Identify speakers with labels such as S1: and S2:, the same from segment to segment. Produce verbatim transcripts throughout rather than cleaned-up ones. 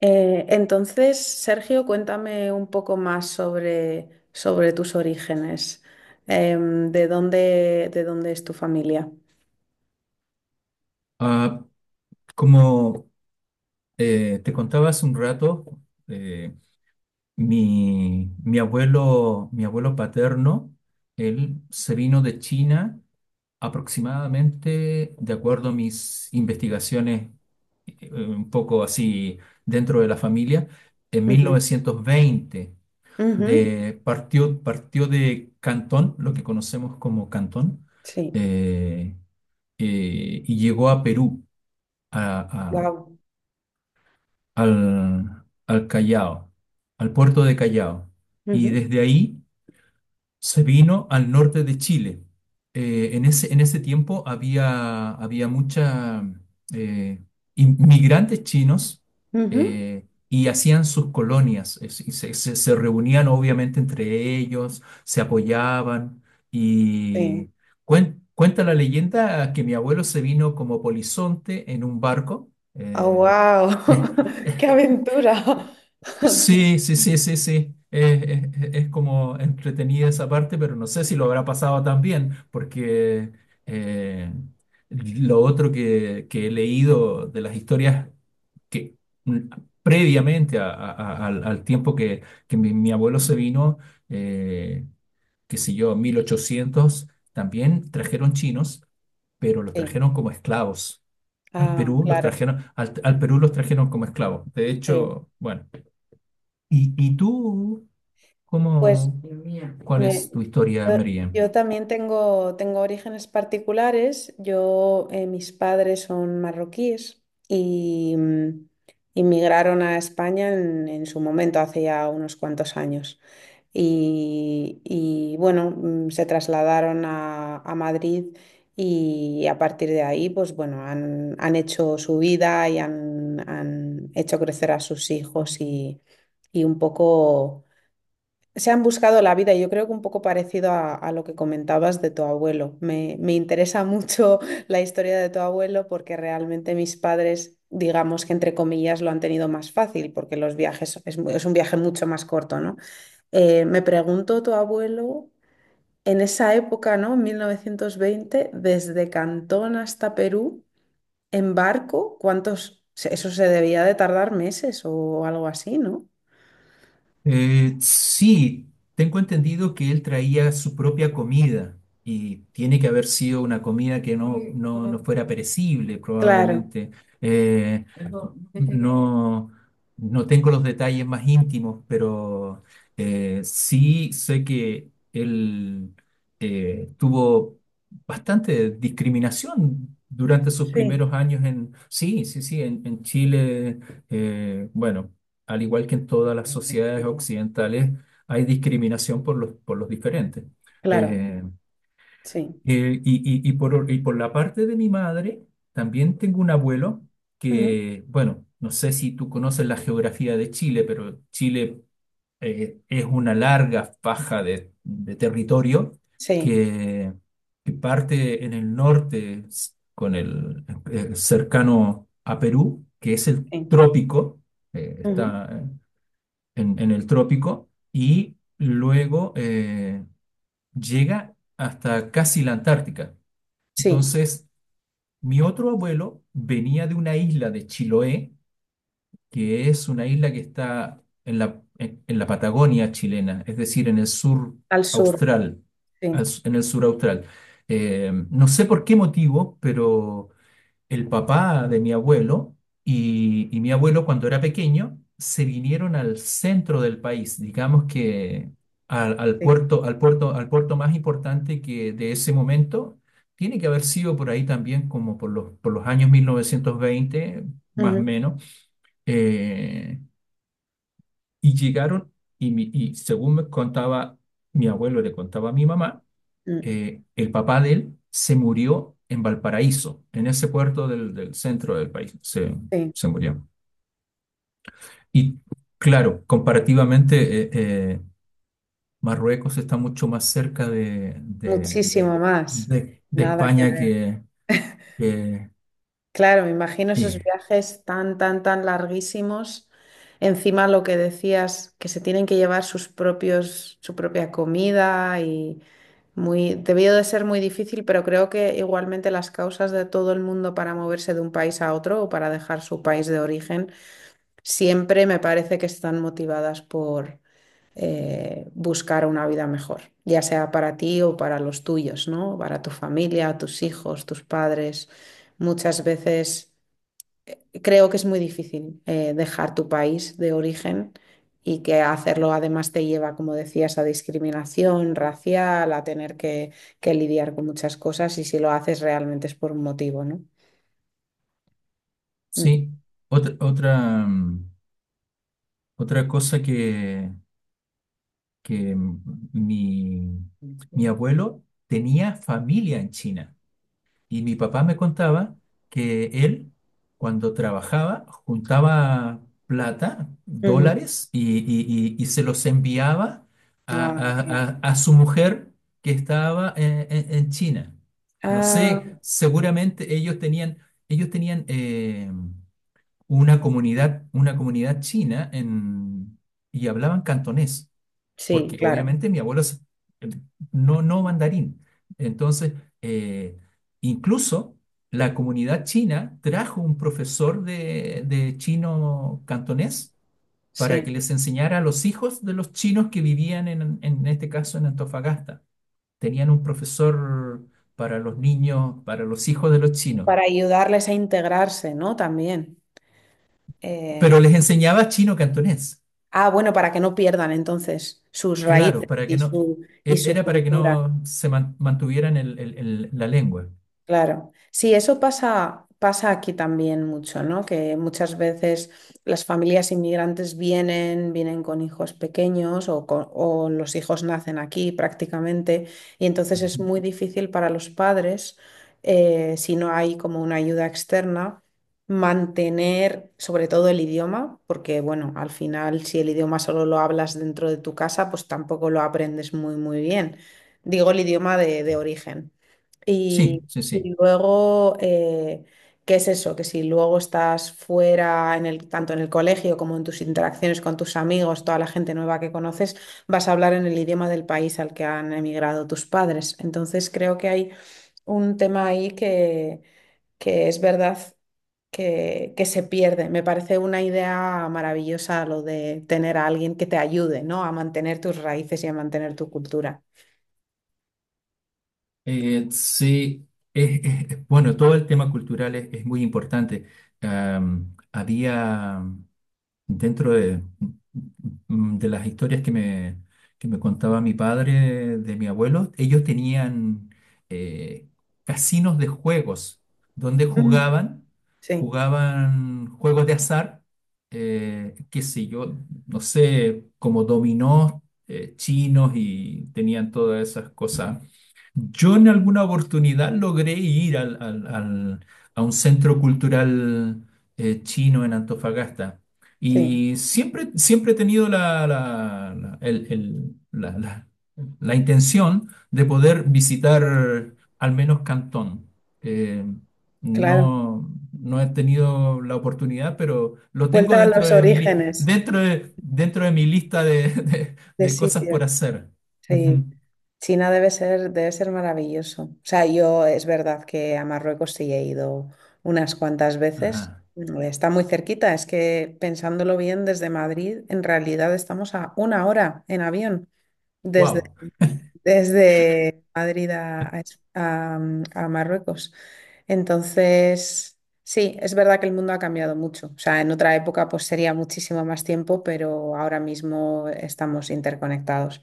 S1: Eh, entonces, Sergio, cuéntame un poco más sobre, sobre tus orígenes. Em, ¿de dónde, de dónde es tu familia?
S2: Ah, como eh, te contaba hace un rato, eh, mi, mi abuelo, mi abuelo paterno, él se vino de China aproximadamente, de acuerdo a mis investigaciones, eh, un poco así dentro de la familia, en mil
S1: Ujú,
S2: novecientos veinte
S1: ujú.
S2: De, partió, partió de Cantón, lo que conocemos como Cantón,
S1: Sí.
S2: eh, eh, y llegó a Perú, a
S1: Wow.
S2: al, al Callao, al puerto de Callao. Y desde ahí se vino al norte de Chile. Eh, en ese, en ese tiempo había, había mucha, eh, inmigrantes chinos, eh, y hacían sus colonias. Es- y se, se- se reunían obviamente entre ellos, se apoyaban,
S1: Sí.
S2: y cuen- cuenta la leyenda que mi abuelo se vino como polizonte en un barco.
S1: Oh,
S2: eh,
S1: wow.
S2: eh,
S1: ¡Qué aventura!
S2: Sí, sí, sí, sí, sí. Es, es- es como entretenida esa parte, pero no sé si lo habrá pasado tan bien, porque eh, lo otro que, que he leído de las historias, que mm, previamente a- a- a- al, al tiempo que, que mi, mi abuelo se vino, eh, qué sé yo, mil ochocientos, también trajeron chinos, pero los
S1: Sí.
S2: trajeron como esclavos. Al
S1: Ah,
S2: Perú los
S1: claro.
S2: trajeron, al al Perú los trajeron como esclavos. De
S1: Sí.
S2: hecho, bueno. ¿Y, y tú,
S1: Pues
S2: cómo, cuál
S1: Me-
S2: es tu historia,
S1: yo,
S2: María?
S1: yo también tengo, tengo orígenes particulares. Yo, eh, mis padres son marroquíes y mm, inmigraron a España en, en su momento, hace ya unos cuantos años. Y, y, bueno, mm, se trasladaron a, a Madrid y a partir de ahí, pues bueno, han, han hecho su vida y han, han hecho crecer a sus hijos y, y un poco... Se han buscado la vida y yo creo que un poco parecido a, a lo que comentabas de tu abuelo. Me, me interesa mucho la historia de tu abuelo porque realmente mis padres, digamos que entre comillas, lo han tenido más fácil porque los viajes es, mu- es un viaje mucho más corto, ¿no? Eh, me preguntó tu abuelo en esa época, ¿no? mil novecientos veinte, desde Cantón hasta Perú, en barco, ¿cuántos? se- Eso se debía de tardar meses o algo así, ¿no?
S2: Eh, sí, tengo entendido que él traía su propia comida y tiene que haber sido una comida que no, no, no fuera perecible,
S1: Claro,
S2: probablemente. Eh, no, no tengo los detalles más íntimos, pero eh, sí sé que él eh, tuvo bastante discriminación durante sus
S1: sí,
S2: primeros años en, sí, sí, sí, en, en Chile. Eh, bueno, al igual que en todas las sociedades occidentales, hay discriminación por los, por los diferentes.
S1: claro,
S2: Eh,
S1: sí.
S2: eh, y, y- y por, y por la parte de mi madre, también tengo un abuelo
S1: Ujú.
S2: que, bueno, no sé si tú conoces la geografía de Chile, pero Chile, eh, es una larga faja de, de territorio
S1: Sí,
S2: que, que parte en el norte s- con el, eh, cercano a Perú, que es el
S1: sí,
S2: trópico. Eh,
S1: ujú.
S2: está, eh, en, en el trópico, y luego eh, llega hasta casi la Antártica.
S1: Sí,
S2: Entonces, mi otro abuelo venía de una isla de Chiloé, que es una isla que está en la, en, en la Patagonia chilena, es decir, en el sur
S1: al sur,
S2: austral, al
S1: sí,
S2: s- en el sur austral. Eh, no sé por qué motivo, pero el papá de mi abuelo y, y mi abuelo cuando era pequeño se vinieron al centro del país, digamos que al, al
S1: sí,
S2: puerto, al puerto, al puerto más importante que de ese momento. Tiene que haber sido por ahí también como por los, por los años mil novecientos veinte más o
S1: ujú,
S2: menos. eh, y llegaron, y, mi- y según me contaba mi abuelo, le contaba a mi mamá,
S1: mm,
S2: eh, el papá de él se murió en Valparaíso, en ese puerto del, del centro del país, se,
S1: sí,
S2: se murió. Y claro, comparativamente, eh, eh, Marruecos está mucho más cerca de, de,
S1: muchísimo
S2: de-
S1: más,
S2: de- de
S1: nada que
S2: España
S1: ver.
S2: que... que-
S1: Claro, me imagino esos
S2: y,
S1: viajes tan, tan, tan larguísimos, encima lo que decías, que se tienen que llevar sus propios, su propia comida y muy, debió de ser muy difícil, pero creo que igualmente las causas de todo el mundo para moverse de un país a otro o para dejar su país de origen siempre me parece que están motivadas por eh, buscar una vida mejor, ya sea para ti o para los tuyos, ¿no? Para tu familia, tus hijos, tus padres. Muchas veces creo que es muy difícil eh, dejar tu país de origen y que hacerlo además te lleva, como decías, a discriminación racial, a tener que, que lidiar con muchas cosas y si lo haces realmente es por un motivo, ¿no? Mm.
S2: sí, otra, otra, mm, otra cosa que, que mm, mi, mi abuelo tenía familia en China. Y mi papá me contaba que él, cuando trabajaba, juntaba plata,
S1: Ujú.
S2: dólares, y, y- y- y se los enviaba a,
S1: Ah,
S2: a- a-
S1: claro.
S2: a su mujer que estaba en, en- en China. No
S1: Ah,
S2: sé, seguramente ellos tenían, ellos tenían, eh, una comunidad, una comunidad china en, y hablaban cantonés
S1: sí,
S2: porque
S1: claro,
S2: obviamente mi abuelo es- no, no mandarín. Entonces, eh, incluso la comunidad china trajo un profesor de, de chino cantonés para
S1: sí.
S2: que les enseñara a los hijos de los chinos que vivían en, en este caso en Antofagasta. Tenían un profesor para los niños, para los hijos de los chinos,
S1: Para ayudarles a integrarse, ¿no? También. Eh,
S2: pero les enseñaba chino cantonés,
S1: ah, bueno, para que no pierdan entonces sus
S2: claro,
S1: raíces
S2: para que
S1: y
S2: no,
S1: su, y
S2: er-
S1: su
S2: era para que
S1: cultura.
S2: no se man- mantuvieran el- el- el- la lengua.
S1: Claro, sí, eso pasa, pasa aquí también mucho, ¿no? Que muchas veces las familias inmigrantes vienen, vienen con hijos pequeños o, con- o los hijos nacen aquí prácticamente, y entonces es
S2: Ajá.
S1: muy difícil para los padres, eh, si no hay como una ayuda externa, mantener sobre todo el idioma, porque bueno, al final si el idioma solo lo hablas dentro de tu casa, pues tampoco lo aprendes muy, muy bien. Digo el idioma de de origen. Y,
S2: Sí, sí,
S1: y
S2: sí.
S1: luego, eh, ¿qué es eso? Que si luego estás fuera, en el, tanto en el colegio como en tus interacciones con tus amigos, toda la gente nueva que conoces, vas a hablar en el idioma del país al que han emigrado tus padres. Entonces, creo que hay un tema ahí que, que es verdad que, que se pierde. Me parece una idea maravillosa lo de tener a alguien que te ayude, ¿no? A mantener tus raíces y a mantener tu cultura.
S2: Eh, sí, es, es- es, bueno, todo el tema cultural es, es muy importante. Am, había dentro de, mm, de las historias que me, que me contaba mi padre, de mi abuelo, ellos tenían, eh, casinos de juegos donde
S1: Mm.
S2: jugaban,
S1: Sí,
S2: jugaban juegos de azar, eh, qué sé yo, no sé, como dominó, eh, chinos, y tenían todas esas cosas. Yo en alguna oportunidad logré ir al- al- al- a un centro cultural eh, chino en Antofagasta,
S1: sí,
S2: y siempre, siempre he tenido la, la- la- el- el- la- la- la intención de poder visitar al menos Cantón. Eh,
S1: claro.
S2: no, no he tenido la oportunidad, pero lo tengo
S1: Vuelta a
S2: dentro
S1: los
S2: de mi, li-
S1: orígenes
S2: dentro de, dentro de mi lista de, de-
S1: de
S2: de cosas
S1: sitio.
S2: por hacer. Ujú.
S1: Sí, China debe ser, debe ser maravilloso. O sea, yo es verdad que a Marruecos sí he ido unas cuantas veces.
S2: Ajá.
S1: Mm, está muy cerquita, es que pensándolo bien, desde Madrid en realidad estamos a una hora en avión desde
S2: Wow.
S1: desde Madrid a, a Es- a, mm, a Marruecos. Entonces, sí, es verdad que el mundo ha cambiado mucho. O sea, en otra época pues sería muchísimo más tiempo, pero ahora mismo estamos interconectados.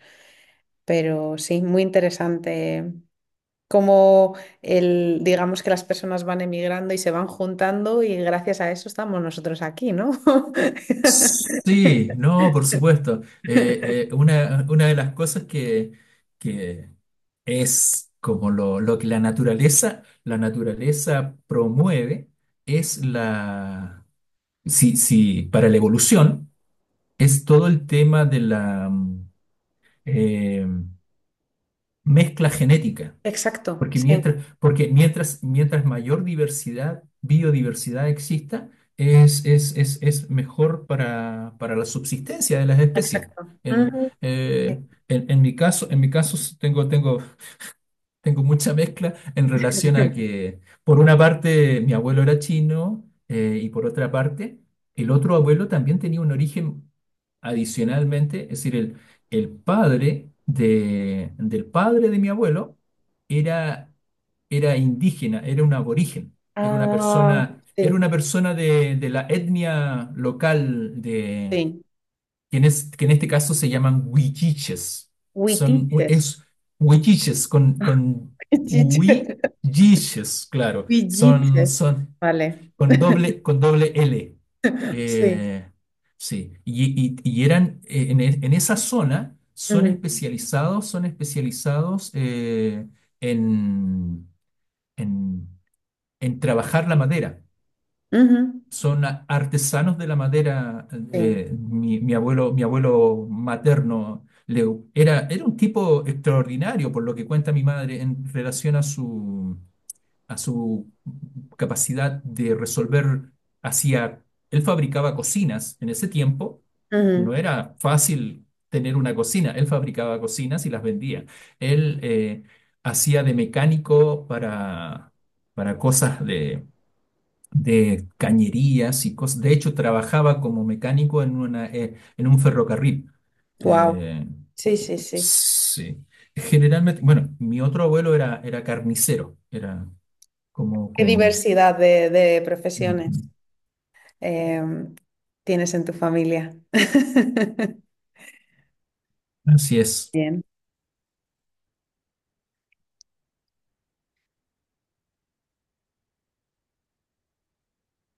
S1: Pero sí, muy interesante cómo el, digamos que las personas van emigrando y se van juntando y gracias a eso estamos nosotros aquí, ¿no?
S2: Sí, no, por supuesto. Eh, eh, una, una de las cosas que, que es como lo, lo que la naturaleza, la naturaleza promueve es la, sí, sí, para la evolución, es todo el tema de la, mm, eh, mezcla genética.
S1: Exacto,
S2: Porque
S1: sí,
S2: mientras, porque mientras, mientras mayor diversidad, biodiversidad exista, es, es, es, es mejor para, para la subsistencia de las especies.
S1: exacto.
S2: En,
S1: Ujú, sí.
S2: eh, en, en mi caso, en mi caso s- tengo, tengo tengo mucha mezcla en relación a que, por una parte, mi abuelo era chino, eh, y por otra parte, el otro abuelo también tenía un origen adicionalmente, es decir, el, el padre de, del padre de mi abuelo era, era indígena, era un aborigen, era una
S1: Ah,
S2: persona, era
S1: sí.
S2: una persona de, de la etnia local,
S1: Sí.
S2: que en, es- que en este caso se llaman huilliches. Son, u-
S1: Huitiches.
S2: es huilliches con, con
S1: Huitiches.
S2: huilliches, claro. Son,
S1: Huilliches.
S2: son
S1: Vale.
S2: con doble, con doble L.
S1: Sí.
S2: Eh, sí, y, y- y eran, eh, en, e- en esa zona, son
S1: Ujú,
S2: especializados, son especializados, eh, en, en, en trabajar la madera,
S1: ujú.
S2: son a- artesanos de la madera.
S1: Sí.
S2: Eh, mi, mi abuelo, mi abuelo materno, Leu, era, era un tipo extraordinario, por lo que cuenta mi madre, en relación a su, a su capacidad de resolver. Hacía, él fabricaba cocinas en ese tiempo. No era fácil tener una cocina. Él fabricaba cocinas y las vendía. Él, eh, hacía de mecánico para, para cosas de de cañerías y cosas. De hecho, trabajaba como mecánico en una, eh, en un ferrocarril.
S1: Wow.
S2: Eh,
S1: Sí, sí, sí.
S2: sí. Generalmente, bueno, mi otro abuelo era, era carnicero, era como,
S1: Qué
S2: como,
S1: diversidad de, de
S2: ujú,
S1: profesiones eh, tienes en tu familia.
S2: así es.
S1: Bien.